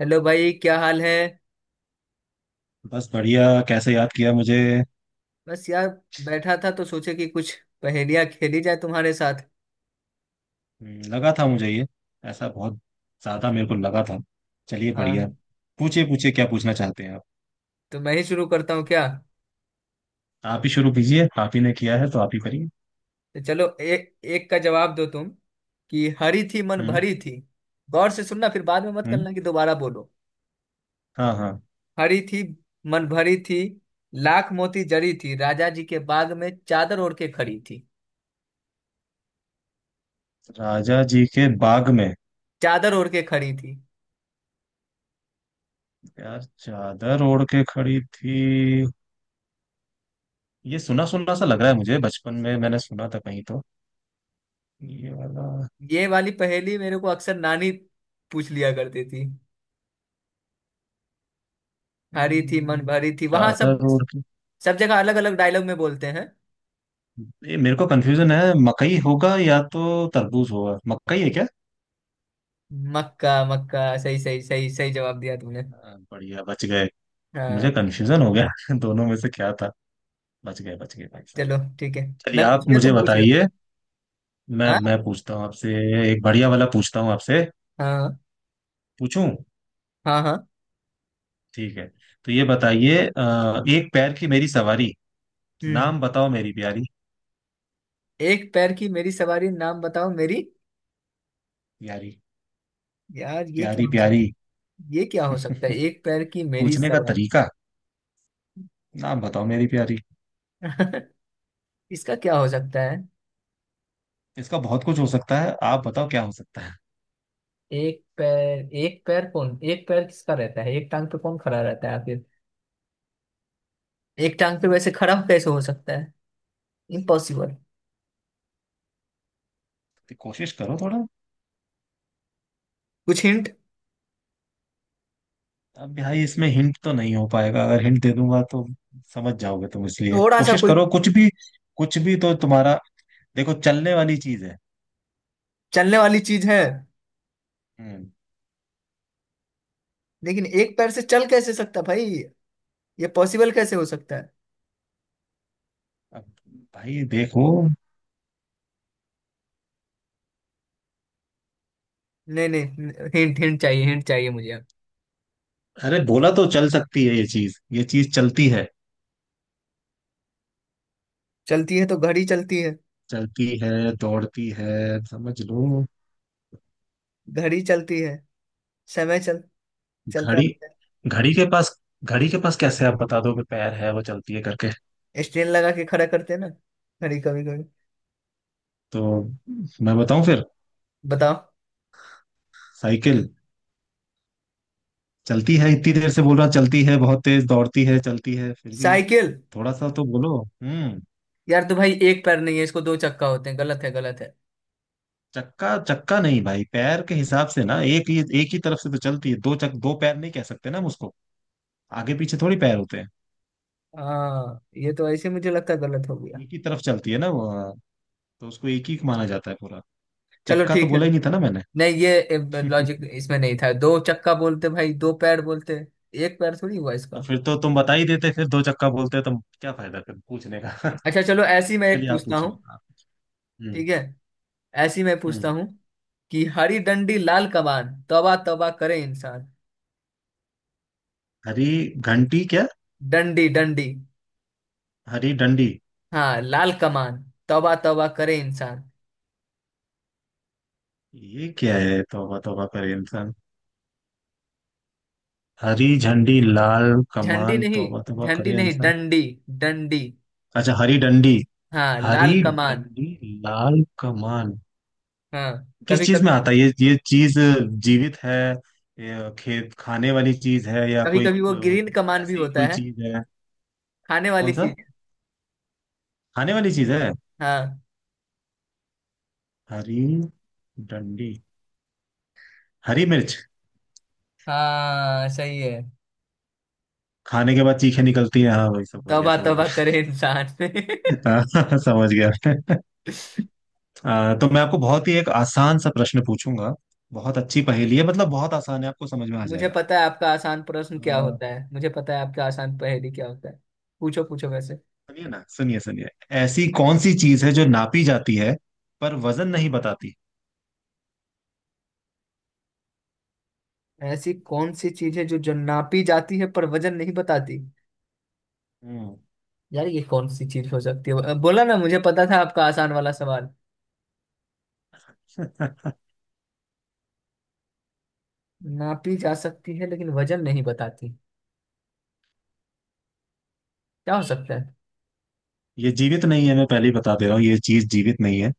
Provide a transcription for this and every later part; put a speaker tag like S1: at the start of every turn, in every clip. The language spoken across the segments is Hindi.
S1: हेलो भाई, क्या हाल है।
S2: बस बढ़िया। कैसे याद किया मुझे?
S1: बस यार, बैठा था तो सोचे कि कुछ पहेलियां खेली जाए तुम्हारे साथ।
S2: लगा था मुझे ये ऐसा बहुत ज्यादा मेरे को लगा था। चलिए बढ़िया।
S1: हाँ,
S2: पूछिए पूछिए, क्या पूछना चाहते हैं आप?
S1: तो मैं ही शुरू करता हूँ क्या।
S2: आप ही शुरू कीजिए, आप ही ने किया है तो आप ही करिए।
S1: तो चलो, एक एक का जवाब दो तुम। कि हरी थी मन
S2: हम्म।
S1: भरी थी, गौर से सुनना, फिर बाद में मत
S2: हम्म।
S1: करना कि दोबारा बोलो।
S2: हाँ हाँ।
S1: हरी थी मन भरी थी, लाख मोती जड़ी थी, राजा जी के बाग में चादर ओढ़ के खड़ी थी।
S2: राजा जी के बाग में?
S1: चादर ओढ़ के खड़ी थी।
S2: यार चादर ओढ़ के खड़ी थी। ये सुना सुना सा लग रहा है मुझे, बचपन में मैंने सुना था कहीं तो ये वाला।
S1: ये वाली पहेली मेरे को अक्सर नानी पूछ लिया करती थी। हरी थी मन
S2: हम्म,
S1: भरी थी, वहां सब
S2: चादर ओढ़ के।
S1: सब जगह अलग अलग डायलॉग में बोलते हैं।
S2: ये मेरे को कंफ्यूजन है, मकई होगा या तो तरबूज होगा, मकई है क्या?
S1: मक्का मक्का, सही सही, सही सही जवाब दिया तुमने।
S2: हाँ, बढ़िया बच गए। मुझे
S1: हाँ,
S2: कंफ्यूजन हो गया दोनों में से क्या था। बच गए भाई साहब।
S1: चलो ठीक है।
S2: चलिए
S1: मैं
S2: आप
S1: पूछ लिया,
S2: मुझे
S1: तुम पूछ रहे हो।
S2: बताइए। मैं
S1: हाँ
S2: मैं पूछता हूँ आपसे। एक बढ़िया वाला पूछता हूँ आपसे।
S1: हाँ।
S2: पूछूं?
S1: हाँ हाँ।
S2: ठीक है, तो ये बताइए, एक पैर की मेरी सवारी,
S1: हम्म।
S2: नाम बताओ मेरी प्यारी।
S1: एक पैर की मेरी सवारी, नाम बताओ मेरी।
S2: प्यारी
S1: यार, ये क्या
S2: प्यारी
S1: हो
S2: प्यारी।
S1: सकता। ये क्या हो सकता है, एक पैर की मेरी
S2: पूछने का
S1: सवारी।
S2: तरीका, नाम बताओ मेरी प्यारी।
S1: इसका क्या हो सकता है।
S2: इसका बहुत कुछ हो सकता है, आप बताओ क्या हो सकता है।
S1: एक पैर, एक पैर कौन, एक पैर किसका रहता है, एक टांग पे कौन खड़ा रहता है आखिर। एक टांग पे वैसे खड़ा कैसे हो सकता है। इम्पॉसिबल।
S2: तो कोशिश करो थोड़ा।
S1: कुछ हिंट।
S2: अब भाई इसमें हिंट तो नहीं हो पाएगा, अगर हिंट दे दूंगा तो समझ जाओगे तुम, इसलिए
S1: थोड़ा सा
S2: कोशिश
S1: कोई।
S2: करो कुछ भी। कुछ भी तो तुम्हारा। देखो चलने वाली चीज है।
S1: चलने वाली चीज है।
S2: हम्म।
S1: लेकिन एक पैर से चल कैसे सकता भाई। ये पॉसिबल कैसे हो सकता है।
S2: अब भाई देखो,
S1: नहीं नहीं, हिंट, हिंट चाहिए, हिंट चाहिए मुझे अब।
S2: अरे बोला तो चल सकती है, ये चीज चलती है।
S1: चलती है तो घड़ी चलती है।
S2: चलती है दौड़ती है समझ लो।
S1: घड़ी चलती है, समय चल, चलता
S2: घड़ी?
S1: रहता
S2: घड़ी के पास, घड़ी के पास कैसे आप बता दो कि पैर है वो चलती है करके?
S1: है। स्टेन लगा के खड़ा करते हैं ना घड़ी, कभी कभी।
S2: तो मैं बताऊं फिर?
S1: बताओ।
S2: साइकिल। चलती है, इतनी देर से बोल रहा चलती है, बहुत तेज दौड़ती है, चलती है फिर भी।
S1: साइकिल।
S2: थोड़ा सा तो बोलो। हम्म।
S1: यार, तो भाई एक पैर नहीं है इसको, दो चक्का होते हैं, गलत है गलत है।
S2: चक्का चक्का नहीं भाई, पैर के हिसाब से ना, एक ही तरफ से तो चलती है, दो चक दो पैर नहीं कह सकते ना हम उसको। आगे पीछे थोड़ी पैर होते हैं।
S1: हाँ, ये तो ऐसे मुझे लगता है गलत हो गया।
S2: एक ही तरफ चलती है ना वो, हाँ, तो उसको एक ही माना जाता है पूरा।
S1: चलो
S2: चक्का तो
S1: ठीक है।
S2: बोला ही नहीं था ना मैंने।
S1: नहीं, ये लॉजिक इसमें नहीं था, दो चक्का बोलते भाई, दो पैर बोलते। एक पैर थोड़ी हुआ
S2: तो
S1: इसका।
S2: फिर तो तुम बता ही देते, फिर दो चक्का बोलते तो क्या फायदा फिर पूछने का।
S1: अच्छा चलो, ऐसी मैं एक
S2: चलिए आप
S1: पूछता हूँ।
S2: पूछिए आप। हम्म।
S1: ठीक है, ऐसी मैं पूछता
S2: हम्म।
S1: हूँ, कि हरी डंडी लाल कमान, तौबा तौबा करे इंसान।
S2: हरी घंटी क्या?
S1: डंडी डंडी।
S2: हरी डंडी?
S1: हाँ, लाल कमान, तौबा तौबा करे इंसान।
S2: ये क्या है, तौबा तौबा करे इंसान? हरी झंडी लाल
S1: झंडी
S2: कमान
S1: नहीं,
S2: तौबा तौबा
S1: झंडी
S2: करे
S1: नहीं,
S2: इंसान।
S1: डंडी, डंडी।
S2: अच्छा, हरी डंडी।
S1: हाँ,
S2: हरी
S1: लाल कमान।
S2: डंडी लाल कमान।
S1: हाँ।
S2: किस
S1: कभी
S2: चीज
S1: कभी,
S2: में आता है ये चीज जीवित है या खेत खाने वाली चीज है या
S1: कभी
S2: कोई
S1: कभी वो ग्रीन कमान भी
S2: ऐसी ही
S1: होता
S2: कोई
S1: है।
S2: चीज है?
S1: खाने वाली
S2: कौन सा?
S1: चीज।
S2: खाने वाली चीज है?
S1: हाँ।
S2: हरी डंडी, हरी मिर्च।
S1: हाँ, सही है।
S2: खाने के बाद चीखें निकलती हैं, हाँ भाई समझ गया
S1: तौबा
S2: समझ
S1: तौबा
S2: गया।
S1: करे इंसान।
S2: हाँ, समझ गया। तो मैं आपको बहुत ही एक आसान सा प्रश्न पूछूंगा, बहुत अच्छी पहेली है, मतलब बहुत आसान है, आपको समझ में आ
S1: मुझे पता है आपका आसान प्रश्न क्या
S2: जाएगा।
S1: होता है, मुझे पता है आपका आसान पहेली क्या होता है। पूछो पूछो वैसे।
S2: सुनिए ना, सुनिए सुनिए। ऐसी कौन सी चीज है जो नापी जाती है पर वजन नहीं बताती?
S1: ऐसी कौन सी चीज है जो जो नापी जाती है पर वजन नहीं बताती।
S2: हम्म।
S1: यार, ये कौन सी चीज हो सकती है। बोला ना, मुझे पता था आपका आसान वाला सवाल। नापी जा सकती है लेकिन वजन नहीं बताती। क्या हो सकता है।
S2: ये जीवित नहीं है, मैं पहले ही बता दे रहा हूँ, ये चीज जीवित नहीं है।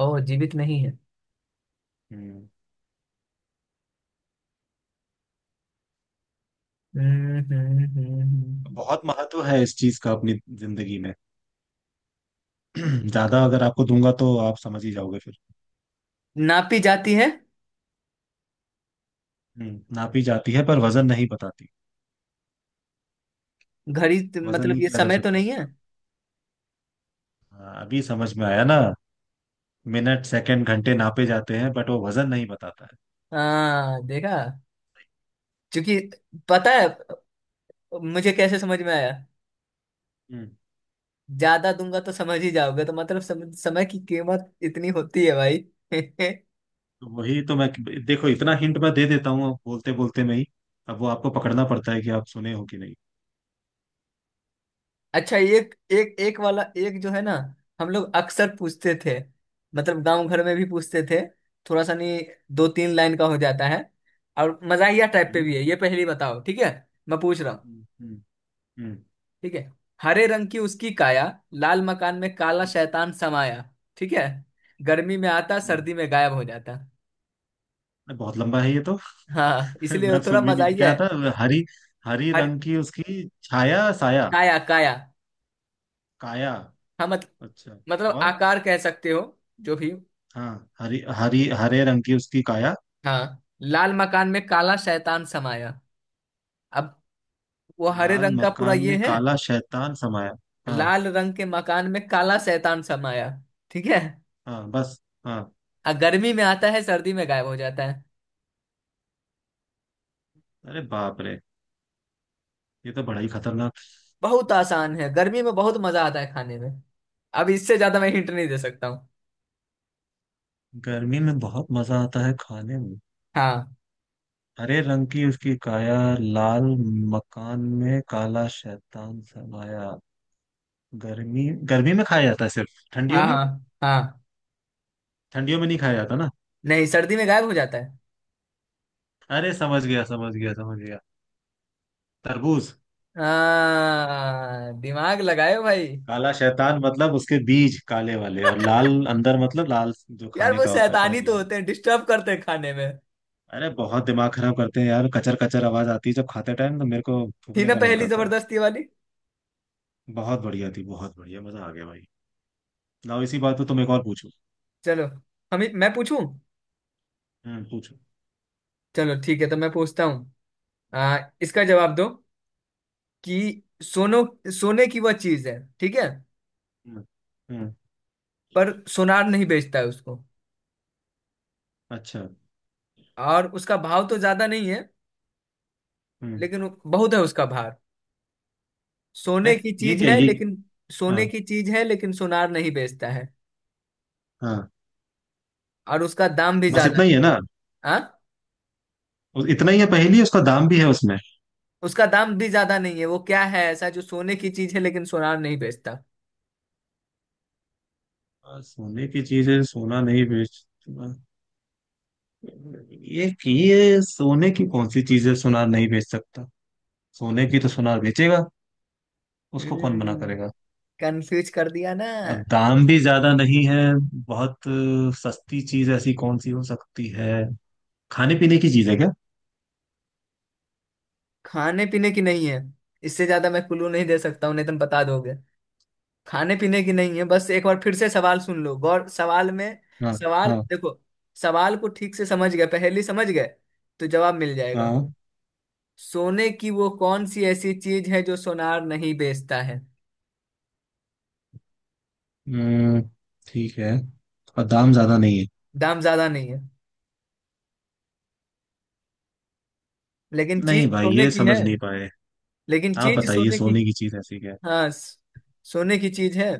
S1: ओ, जीवित नहीं है।
S2: हम्म।
S1: हम्म।
S2: बहुत महत्व है इस चीज का अपनी जिंदगी में। ज्यादा अगर आपको दूंगा तो आप समझ ही जाओगे फिर।
S1: नापी जाती है।
S2: हम्म, नापी जाती है पर वजन नहीं बताती,
S1: घड़ी,
S2: वजन
S1: मतलब
S2: नहीं
S1: ये
S2: किया जा
S1: समय तो
S2: सकता
S1: नहीं है।
S2: इसका। हाँ, अभी समझ में आया ना। मिनट सेकंड घंटे नापे जाते हैं, बट वो वजन नहीं बताता है।
S1: हाँ, देखा क्योंकि पता है मुझे कैसे समझ में आया।
S2: हम्म।
S1: ज्यादा दूंगा तो समझ ही जाओगे, तो मतलब समय की कीमत इतनी होती है भाई।
S2: तो वही तो मैं, देखो इतना हिंट मैं दे देता हूँ बोलते बोलते में ही, अब वो आपको पकड़ना पड़ता है कि आप सुने हो कि नहीं।
S1: अच्छा, एक एक एक वाला एक जो है ना, हम लोग अक्सर पूछते थे, मतलब गांव घर में भी पूछते थे। थोड़ा सा नहीं, दो तीन लाइन का हो जाता है, और मजाहिया टाइप
S2: सही
S1: पे
S2: है?
S1: भी है, ये पहली बताओ ठीक है। मैं पूछ रहा हूँ।
S2: हम्म। हम्म। हम्म।
S1: ठीक है। हरे रंग की उसकी काया, लाल मकान में काला
S2: हम्म,
S1: शैतान समाया। ठीक है। गर्मी में आता,
S2: हम्म।
S1: सर्दी में गायब हो जाता।
S2: अरे बहुत लंबा है ये तो।
S1: हाँ, इसलिए वो
S2: मैं
S1: थोड़ा
S2: सुन भी नहीं
S1: मजाहिया
S2: क्या
S1: है।
S2: था। हरी, हरी
S1: हर
S2: रंग की उसकी छाया साया
S1: काया, काया।
S2: काया।
S1: हाँ, मत,
S2: अच्छा।
S1: मतलब
S2: और?
S1: आकार कह सकते हो, जो भी।
S2: हाँ। हरी हरी हरे रंग की उसकी काया,
S1: हाँ, लाल मकान में काला शैतान समाया। अब वो हरे
S2: लाल
S1: रंग का पूरा
S2: मकान
S1: ये
S2: में
S1: है।
S2: काला शैतान समाया। हाँ।
S1: लाल रंग के मकान में काला शैतान समाया। ठीक है।
S2: हाँ बस। हाँ।
S1: और गर्मी में आता है, सर्दी में गायब हो जाता है।
S2: अरे बाप रे, ये तो बड़ा ही खतरनाक।
S1: बहुत आसान है, गर्मी में बहुत मजा आता है खाने में। अब इससे ज्यादा मैं हिंट नहीं दे सकता हूँ।
S2: गर्मी में बहुत मजा आता है खाने में?
S1: हाँ
S2: हरे रंग की उसकी काया, लाल मकान में काला शैतान समाया, गर्मी, गर्मी में खाया जाता है सिर्फ ठंडियों
S1: हाँ।
S2: में?
S1: हाँ। हाँ,
S2: ठंडियों में नहीं खाया जाता ना?
S1: नहीं, सर्दी में गायब हो जाता है।
S2: अरे समझ गया समझ गया समझ गया। तरबूज।
S1: हाँ, दिमाग लगाए हो भाई।
S2: काला शैतान मतलब उसके बीज काले वाले, और लाल अंदर मतलब लाल जो
S1: यार,
S2: खाने
S1: वो
S2: का होता है,
S1: शैतानी
S2: समझ
S1: तो
S2: गया।
S1: होते हैं, डिस्टर्ब करते हैं खाने में।
S2: अरे बहुत दिमाग खराब करते हैं यार, कचर कचर आवाज आती है जब खाते टाइम, तो मेरे को
S1: थी
S2: थूकने
S1: ना
S2: का मन
S1: पहली
S2: करता है।
S1: जबरदस्ती वाली।
S2: बहुत बढ़िया थी, बहुत बढ़िया, मजा आ गया भाई। लाओ इसी बात पे तुम एक और पूछो।
S1: चलो। हम मैं पूछूं।
S2: हम्म, पूछो।
S1: चलो ठीक है तो मैं पूछता हूँ। इसका जवाब दो। कि सोनो, सोने की वह चीज है, ठीक है।
S2: हम्म। हम्म।
S1: पर सोनार नहीं बेचता है उसको,
S2: अच्छा।
S1: और उसका भाव तो ज्यादा नहीं है,
S2: हम्म।
S1: लेकिन बहुत है उसका भार। सोने
S2: है।
S1: की
S2: ये
S1: चीज
S2: क्या
S1: है
S2: ये?
S1: लेकिन।
S2: हाँ।
S1: सोने की चीज है लेकिन सोनार नहीं बेचता है,
S2: हाँ।
S1: और उसका दाम भी
S2: बस
S1: ज्यादा
S2: इतना ही
S1: नहीं।
S2: है ना?
S1: हाँ।
S2: इतना ही है पहेली है, उसका दाम भी है उसमें?
S1: उसका दाम भी ज्यादा नहीं है। वो क्या है ऐसा जो सोने की चीज है लेकिन सोनार नहीं बेचता।
S2: सोने की चीज है सोना नहीं बेच, ये सोने की कौन सी चीज है सोना नहीं बेच सकता? सोने की तो सोनार बेचेगा, उसको कौन मना
S1: हम्म।
S2: करेगा?
S1: कंफ्यूज कर दिया ना।
S2: अब दाम भी ज्यादा नहीं है, बहुत सस्ती चीज ऐसी कौन सी हो सकती है? खाने पीने की चीज है क्या?
S1: खाने पीने की नहीं है। इससे ज्यादा मैं क्लू नहीं दे सकता हूँ, नहीं तो तुम बता दोगे। खाने पीने की नहीं है, बस एक बार फिर से सवाल सुन लो, गौर सवाल में।
S2: हाँ।
S1: सवाल
S2: हाँ।
S1: देखो। सवाल को ठीक से समझ गए, पहेली समझ गए तो जवाब मिल जाएगा।
S2: हाँ।
S1: सोने की वो कौन सी ऐसी चीज है जो सोनार नहीं बेचता है।
S2: हम्म, ठीक है। और दाम ज्यादा नहीं है।
S1: दाम ज्यादा नहीं है, लेकिन
S2: नहीं
S1: चीज
S2: भाई
S1: सोने
S2: ये
S1: की है।
S2: समझ नहीं पाए।
S1: लेकिन
S2: आप
S1: चीज
S2: बताइए
S1: सोने की।
S2: सोने की चीज ऐसी क्या है?
S1: हाँ, सोने की चीज है।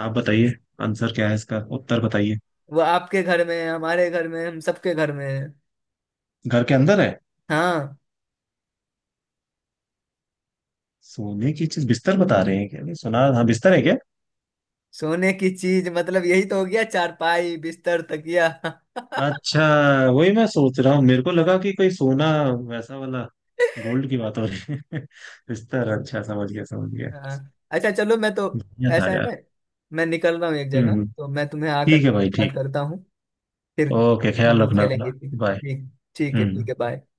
S2: आप बताइए, आंसर क्या है, इसका उत्तर बताइए।
S1: वो आपके घर में है, हमारे घर में है, हम सबके घर में है।
S2: घर के अंदर है?
S1: हाँ,
S2: सोने की चीज बिस्तर बता रहे हैं क्या? नहीं सुना, हाँ, बिस्तर है क्या?
S1: सोने की चीज, मतलब यही तो हो गया, चारपाई, बिस्तर, तकिया।
S2: अच्छा, वही मैं सोच रहा हूँ, मेरे को लगा कि कोई सोना वैसा वाला, गोल्ड की बात हो रही है। बिस्तर, अच्छा समझ गया समझ गया।
S1: हाँ। अच्छा चलो, मैं तो
S2: बढ़िया था
S1: ऐसा है
S2: यार।
S1: ना, मैं निकल रहा हूँ एक
S2: हम्म।
S1: जगह,
S2: हम्म।
S1: तो मैं तुम्हें आकर
S2: ठीक है भाई,
S1: बात
S2: ठीक।
S1: करता हूँ फिर,
S2: ओके,
S1: हम
S2: ख्याल
S1: लोग
S2: रखना अपना।
S1: खेलेंगे फिर।
S2: बाय।
S1: ठीक, ठीक है, ठीक
S2: हम्म।
S1: है, बाय।